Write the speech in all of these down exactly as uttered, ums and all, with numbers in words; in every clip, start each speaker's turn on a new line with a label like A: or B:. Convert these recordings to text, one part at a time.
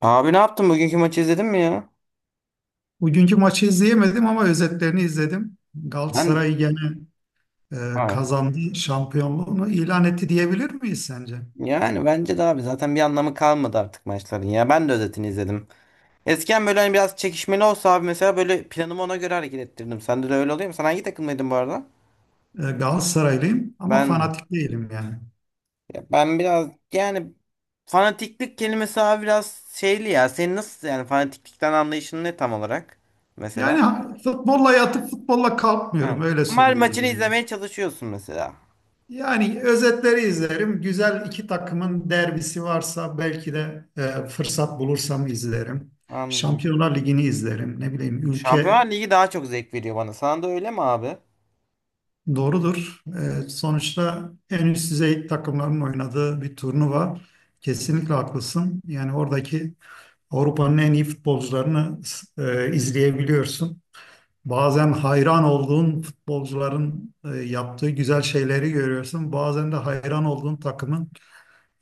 A: Abi ne yaptın? Bugünkü maçı izledin mi ya?
B: Bugünkü maçı izleyemedim ama özetlerini izledim.
A: Ben
B: Galatasaray gene e,
A: Abi,
B: kazandı, şampiyonluğunu ilan etti diyebilir miyiz sence?
A: yani bence de abi zaten bir anlamı kalmadı artık maçların ya. Ben de özetini izledim. Eskiden böyle hani biraz çekişmeli olsa abi mesela böyle planımı ona göre hareket ettirdim. Sende de öyle oluyor mu? Sen hangi takımdaydın bu arada?
B: E, Galatasaraylıyım ama
A: Ben
B: fanatik değilim yani.
A: ya ben biraz yani fanatiklik kelimesi abi biraz şeyli ya. Senin nasıl yani fanatiklikten anlayışın ne tam olarak mesela?
B: Yani ha- futbolla yatıp futbolla kalkmıyorum
A: Ha.
B: öyle
A: Ama her maçını
B: söyleyeyim yani.
A: izlemeye çalışıyorsun mesela.
B: Yani özetleri izlerim. Güzel iki takımın derbisi varsa belki de e, fırsat bulursam izlerim.
A: Anladım.
B: Şampiyonlar Ligi'ni izlerim. Ne bileyim
A: Şampiyonlar
B: ülke.
A: Ligi daha çok zevk veriyor bana. Sana da öyle mi abi?
B: Doğrudur. Ee, sonuçta en üst düzey takımların oynadığı bir turnuva. Kesinlikle haklısın. Yani oradaki Avrupa'nın en iyi futbolcularını e, izleyebiliyorsun. Bazen hayran olduğun futbolcuların e, yaptığı güzel şeyleri görüyorsun. Bazen de hayran olduğun takımın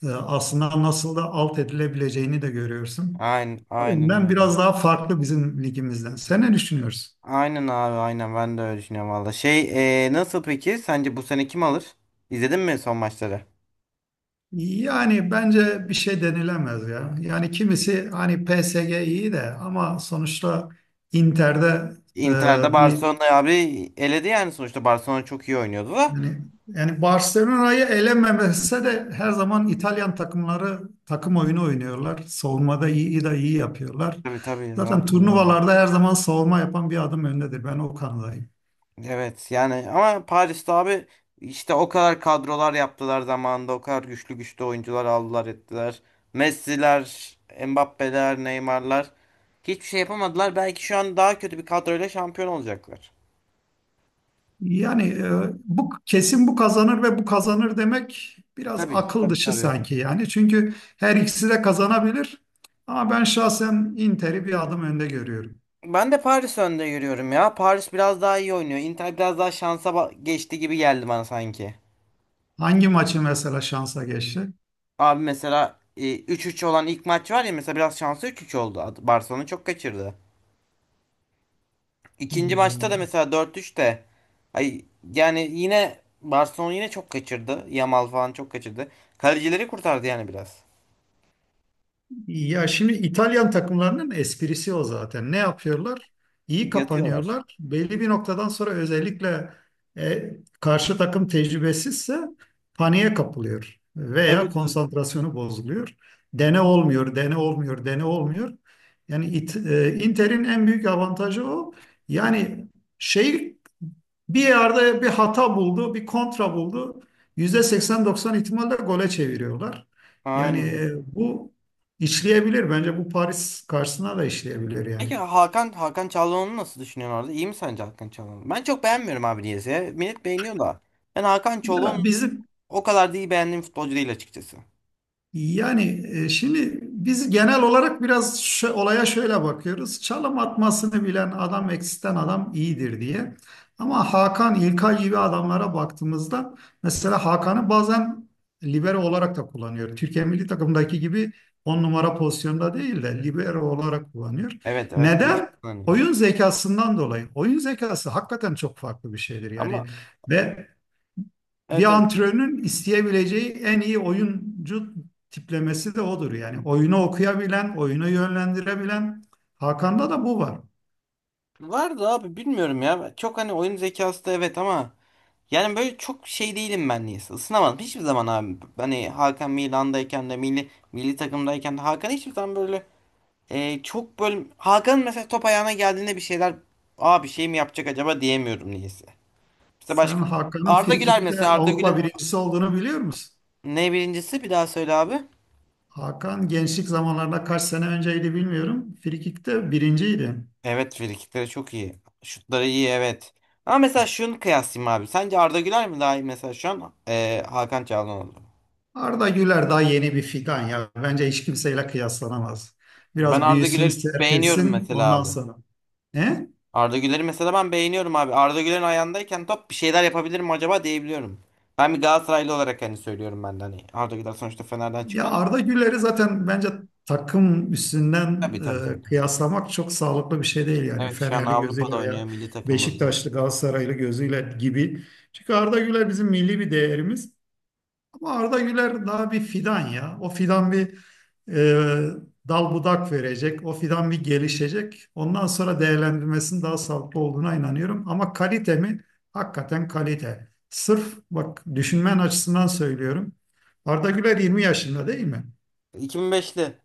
B: e, aslında nasıl da alt edilebileceğini de görüyorsun.
A: Aynen,
B: O
A: aynen
B: yüzden
A: öyle.
B: biraz daha farklı bizim ligimizden. Sen ne düşünüyorsun?
A: Aynen abi aynen ben de öyle düşünüyorum valla. Şey e, nasıl peki sence bu sene kim alır? İzledin mi son maçları?
B: Yani bence bir şey denilemez ya. Yani kimisi hani P S G iyi de ama sonuçta Inter'de
A: Inter'de
B: e, bir
A: Barcelona abi eledi yani sonuçta Barcelona çok iyi oynuyordu da.
B: yani yani Barcelona'yı elememese de her zaman İtalyan takımları takım oyunu oynuyorlar. Savunmada iyi de iyi yapıyorlar.
A: Tabii tabii ya
B: Zaten
A: tabii abi.
B: turnuvalarda her zaman savunma yapan bir adım öndedir. Ben o kanadayım.
A: Evet yani ama Paris'te abi işte o kadar kadrolar yaptılar zamanında o kadar güçlü güçlü oyuncular aldılar ettiler. Messi'ler, Mbappe'ler, Neymar'lar hiçbir şey yapamadılar. Belki şu an daha kötü bir kadroyla şampiyon olacaklar.
B: Yani e, bu kesin bu kazanır ve bu kazanır demek biraz
A: Tabii
B: akıl
A: tabii
B: dışı
A: tabii.
B: sanki yani. Çünkü her ikisi de kazanabilir. Ama ben şahsen Inter'i bir adım önde görüyorum.
A: Ben de Paris önde görüyorum ya. Paris biraz daha iyi oynuyor. Inter biraz daha şansa ba- geçti gibi geldi bana sanki.
B: Hangi maçı mesela şansa geçti?
A: Abi mesela e, üç üç olan ilk maç var ya mesela biraz şansı üç üç oldu. Ad- Barcelona çok kaçırdı. İkinci maçta da mesela dört üç de ay yani yine Barcelona yine çok kaçırdı. Yamal falan çok kaçırdı. Kalecileri kurtardı yani biraz.
B: Ya şimdi İtalyan takımlarının esprisi o zaten. Ne yapıyorlar? İyi
A: Yatıyorlar.
B: kapanıyorlar. Belli bir noktadan sonra özellikle e, karşı takım tecrübesizse paniğe kapılıyor
A: Tabii
B: veya
A: tabii.
B: konsantrasyonu bozuluyor. Dene olmuyor, dene olmuyor, dene olmuyor. Yani it, e, Inter'in en büyük avantajı o. Yani şey, bir yerde bir hata buldu, bir kontra buldu. yüzde seksen doksan ihtimalle gole çeviriyorlar. Yani
A: Aynen.
B: e, bu İşleyebilir. Bence bu Paris karşısına da işleyebilir yani.
A: Peki Hakan Hakan Çalhanoğlu'nu nasıl düşünüyorsun orada? İyi mi sence Hakan Çalhanoğlu? Ben çok beğenmiyorum abi niyeyse. Millet beğeniyor da. Ben Hakan
B: Ya
A: Çalhanoğlu
B: bizim
A: o kadar da iyi beğendiğim futbolcu değil açıkçası.
B: yani e, şimdi biz genel olarak biraz şö- olaya şöyle bakıyoruz. Çalım atmasını bilen adam eksisten adam iyidir diye. Ama Hakan İlkay gibi adamlara baktığımızda mesela Hakan'ı bazen libero olarak da kullanıyor. Türkiye milli takımdaki gibi on numara pozisyonda değil de libero olarak kullanıyor.
A: Evet evet değişik
B: Neden?
A: kullanıyor.
B: Oyun zekasından dolayı. Oyun zekası hakikaten çok farklı bir şeydir. Yani
A: Ama
B: ve bir
A: evet evet.
B: antrenörün isteyebileceği en iyi oyuncu tiplemesi de odur. Yani oyunu okuyabilen, oyunu yönlendirebilen. Hakan'da da bu var.
A: Var da abi bilmiyorum ya. Çok hani oyun zekası da evet ama yani böyle çok şey değilim ben niyeyse. Isınamadım hiçbir zaman abi. Hani Hakan Milan'dayken de milli milli takımdayken de Hakan hiçbir zaman böyle e, çok böyle Hakan'ın mesela top ayağına geldiğinde bir şeyler Aa bir şey mi yapacak acaba diyemiyorum niyeyse. İşte
B: Sen
A: başka
B: Hakan'ın
A: Arda Güler
B: frikikte
A: mesela Arda
B: Avrupa
A: Güler
B: birincisi olduğunu biliyor musun?
A: ne birincisi bir daha söyle abi.
B: Hakan gençlik zamanlarında kaç sene önceydi bilmiyorum. Frikikte birinciydi.
A: Evet frikikleri çok iyi. Şutları iyi evet. Ama mesela şunu kıyaslayayım abi. Sence Arda Güler mi daha iyi mesela şu an Ee, Hakan Çalhanoğlu?
B: Arda Güler daha yeni bir fidan ya. Bence hiç kimseyle kıyaslanamaz.
A: Ben
B: Biraz
A: Arda
B: büyüsün,
A: Güler'i beğeniyorum
B: serpilsin
A: mesela
B: ondan
A: abi.
B: sonra. He?
A: Arda Güler'i mesela ben beğeniyorum abi. Arda Güler'in ayağındayken top bir şeyler yapabilirim acaba diyebiliyorum. Ben bir Galatasaraylı olarak hani söylüyorum ben de hani Arda Güler sonuçta Fener'den
B: Ya
A: çıkmadı.
B: Arda Güler'i zaten bence takım üstünden
A: Tabii tabii tabii.
B: e,
A: Tabii.
B: kıyaslamak çok sağlıklı bir şey değil yani
A: Evet şu an
B: Fenerli
A: Avrupa'da
B: gözüyle
A: oynuyor
B: veya
A: milli takımımız bu.
B: Beşiktaşlı Galatasaraylı gözüyle gibi. Çünkü Arda Güler bizim milli bir değerimiz ama Arda Güler daha bir fidan ya. O fidan bir e, dal budak verecek, o fidan bir gelişecek. Ondan sonra değerlendirmesinin daha sağlıklı olduğuna inanıyorum ama kalite mi? Hakikaten kalite. Sırf bak düşünmen açısından söylüyorum. Arda Güler yirmi yaşında değil mi?
A: iki bin beşli.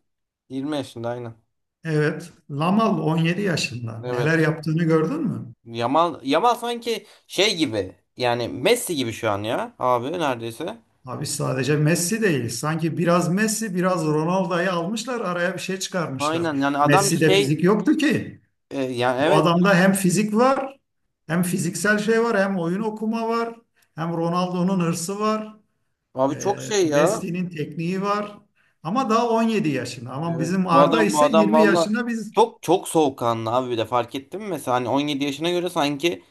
A: yirmi yaşında aynen.
B: Evet, Lamal on yedi yaşında. Neler
A: Evet.
B: yaptığını gördün mü?
A: Yamal Yamal sanki şey gibi yani Messi gibi şu an ya abi neredeyse.
B: Abi sadece Messi değil. Sanki biraz Messi, biraz Ronaldo'yu almışlar, araya bir şey
A: Aynen
B: çıkarmışlar.
A: yani adam
B: Messi'de
A: şey
B: fizik yoktu ki.
A: e, yani
B: Bu
A: evet
B: adamda hem fizik var, hem fiziksel şey var, hem oyun okuma var, hem Ronaldo'nun hırsı var,
A: abi çok
B: e,
A: şey ya.
B: Messi'nin tekniği var. Ama daha on yedi yaşında. Ama
A: Evet
B: bizim
A: bu
B: Arda
A: adam bu
B: ise
A: adam
B: yirmi
A: valla
B: yaşında. biz
A: çok çok soğukkanlı abi bir de fark ettin mi mesela hani on yedi yaşına göre sanki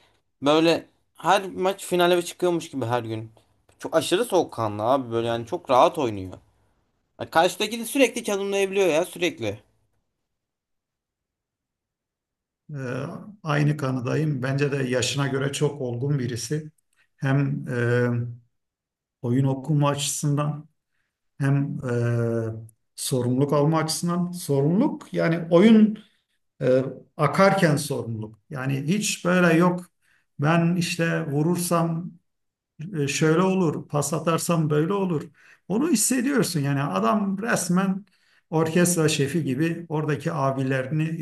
A: böyle her maç finale çıkıyormuş gibi her gün. Çok aşırı soğukkanlı abi böyle yani çok rahat oynuyor. Yani karşıdaki de sürekli çalımlayabiliyor ya sürekli.
B: Ee, aynı kanıdayım. Bence de yaşına göre çok olgun birisi. Hem e, oyun okuma açısından hem e, sorumluluk alma açısından. Sorumluluk yani oyun e, akarken sorumluluk. Yani hiç böyle yok. Ben işte vurursam e, şöyle olur, pas atarsam böyle olur. Onu hissediyorsun yani adam resmen orkestra şefi gibi oradaki abilerini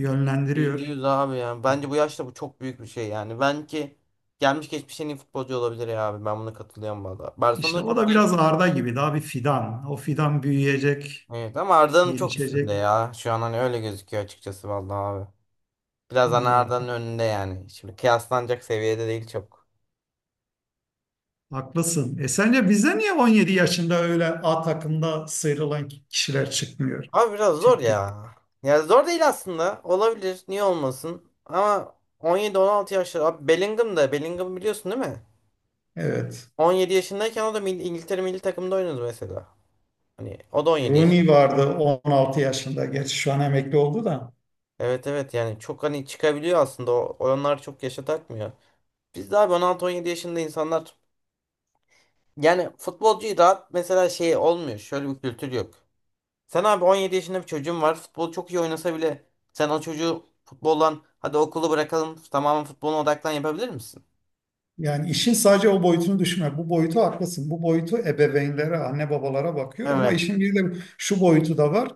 A: Yüzde
B: yönlendiriyor.
A: yüz abi yani. Bence bu yaşta bu çok büyük bir şey yani. Ben ki gelmiş geçmiş en iyi futbolcu olabilir ya abi. Ben buna katılıyorum valla. Barcelona
B: İşte
A: da
B: o
A: çok
B: da
A: genç
B: biraz
A: bir...
B: Arda gibi daha bir fidan. O fidan büyüyecek,
A: Evet ama Arda'nın çok üstünde
B: gelişecek.
A: ya. Şu an hani öyle gözüküyor açıkçası valla abi. Biraz hani
B: Ee,
A: Arda'nın önünde yani. Şimdi kıyaslanacak seviyede değil çok.
B: haklısın. E sence bize niye on yedi yaşında öyle A takımda sıyrılan kişiler çıkmıyor?
A: Abi biraz zor
B: Türkiye.
A: ya. Ya zor değil aslında. Olabilir. Niye olmasın? Ama on yedi on altı yaşları. Abi Bellingham da. Bellingham biliyorsun değil mi?
B: Evet.
A: on yedi yaşındayken o da mil- İngiltere milli takımında oynadı mesela. Hani o da on yedi yaşında.
B: Rooney vardı on altı yaşında. Gerçi şu an emekli oldu da.
A: Evet evet yani çok hani çıkabiliyor aslında o olanlar çok yaşa takmıyor. Biz de abi on altı on yedi yaşında insanlar yani futbolcuyu rahat mesela şey olmuyor şöyle bir kültür yok. Sen abi on yedi yaşında bir çocuğun var futbol çok iyi oynasa bile sen o çocuğu futboldan hadi okulu bırakalım tamamen futboluna odaklan yapabilir misin?
B: Yani işin sadece o boyutunu düşünme. Bu boyutu haklısın. Bu boyutu ebeveynlere, anne babalara bakıyor ama
A: Evet.
B: işin bir de şu boyutu da var.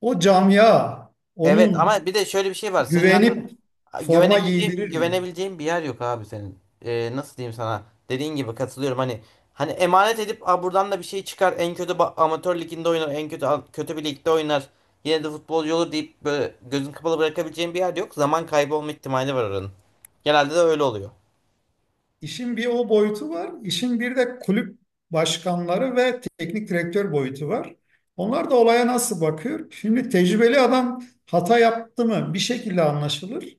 B: O camia
A: Evet
B: onun
A: ama bir de şöyle bir şey var. Senin
B: güvenip forma
A: Güvenebileceğim,
B: giydirir mi?
A: güvenebileceğim bir yer yok abi senin. Ee, nasıl diyeyim sana? Dediğin gibi katılıyorum hani hani emanet edip a buradan da bir şey çıkar. En kötü ba- amatör liginde oynar, en kötü kötü bir ligde oynar. Yine de futbolcu olur deyip böyle gözün kapalı bırakabileceğim bir yer yok. Zaman kaybı olma ihtimali var oranın. Genelde de öyle oluyor.
B: İşin bir o boyutu var. İşin bir de kulüp başkanları ve teknik direktör boyutu var. Onlar da olaya nasıl bakıyor? Şimdi tecrübeli adam hata yaptı mı bir şekilde anlaşılır.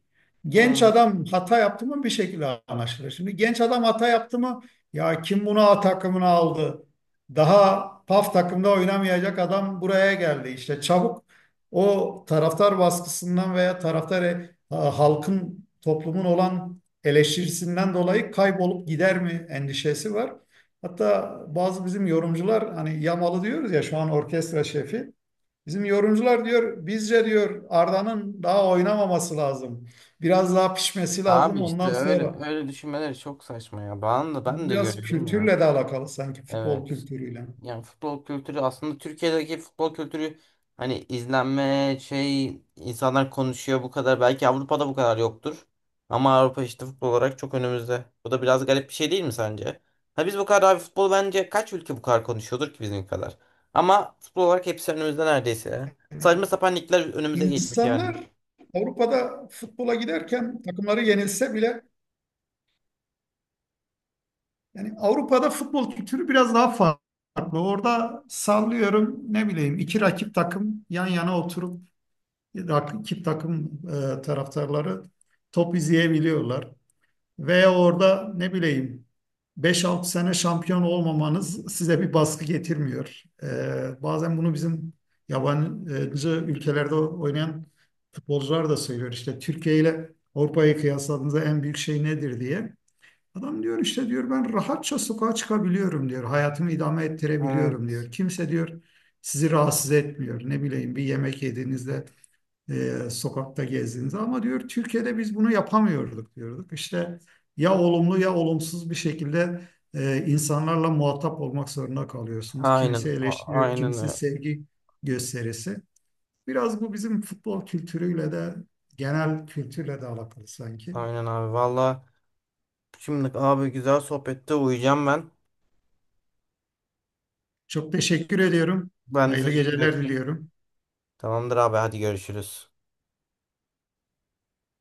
B: Genç
A: Hı.
B: adam hata yaptı mı bir şekilde anlaşılır. Şimdi genç adam hata yaptı mı ya kim bunu A takımına aldı? Daha paf takımda oynamayacak adam buraya geldi. İşte çabuk o taraftar baskısından veya taraftar e, halkın toplumun olan eleştirisinden dolayı kaybolup gider mi endişesi var. Hatta bazı bizim yorumcular hani Yamalı diyoruz ya şu an orkestra şefi. Bizim yorumcular diyor bizce diyor Arda'nın daha oynamaması lazım. Biraz daha pişmesi
A: Abi
B: lazım
A: işte
B: ondan
A: öyle
B: sonra.
A: öyle düşünmeleri çok saçma ya. Ben de ben
B: Bu
A: de
B: biraz
A: görüyorum ya.
B: kültürle de alakalı sanki futbol
A: Evet.
B: kültürüyle.
A: Yani futbol kültürü aslında Türkiye'deki futbol kültürü hani izlenme şey insanlar konuşuyor bu kadar. Belki Avrupa'da bu kadar yoktur. Ama Avrupa işte futbol olarak çok önümüzde. Bu da biraz garip bir şey değil mi sence? Ha biz bu kadar abi futbol bence kaç ülke bu kadar konuşuyordur ki bizim kadar. Ama futbol olarak hepsi önümüzde neredeyse. Ya,
B: Yani
A: saçma sapan ligler önümüze geçmiş yani.
B: insanlar Avrupa'da futbola giderken takımları yenilse bile yani Avrupa'da futbol kültürü biraz daha farklı. Orada sallıyorum ne bileyim iki rakip takım yan yana oturup rak- iki takım e, taraftarları top izleyebiliyorlar. Veya orada ne bileyim beş altı sene şampiyon olmamanız size bir baskı getirmiyor. E, bazen bunu bizim yabancı ülkelerde oynayan futbolcular da söylüyor. İşte Türkiye ile Avrupa'yı kıyasladığınızda en büyük şey nedir diye. Adam diyor işte diyor ben rahatça sokağa çıkabiliyorum diyor. Hayatımı idame ettirebiliyorum
A: Evet.
B: diyor. Kimse diyor sizi rahatsız etmiyor. Ne bileyim bir yemek yediğinizde e, sokakta gezdiğinizde ama diyor Türkiye'de biz bunu yapamıyorduk diyorduk. İşte ya olumlu ya olumsuz bir şekilde e, insanlarla muhatap olmak zorunda kalıyorsunuz. Kimisi
A: Aynen. a-
B: eleştiriyor,
A: Aynen.
B: kimisi
A: ö-
B: sevgi gösterisi. Biraz bu bizim futbol kültürüyle de genel kültürle de alakalı sanki.
A: Aynen abi. Valla şimdi abi güzel sohbette uyuyacağım ben.
B: Çok teşekkür ediyorum.
A: Ben de
B: Hayırlı
A: teşekkür
B: geceler
A: ettim.
B: diliyorum.
A: Tamamdır abi hadi görüşürüz.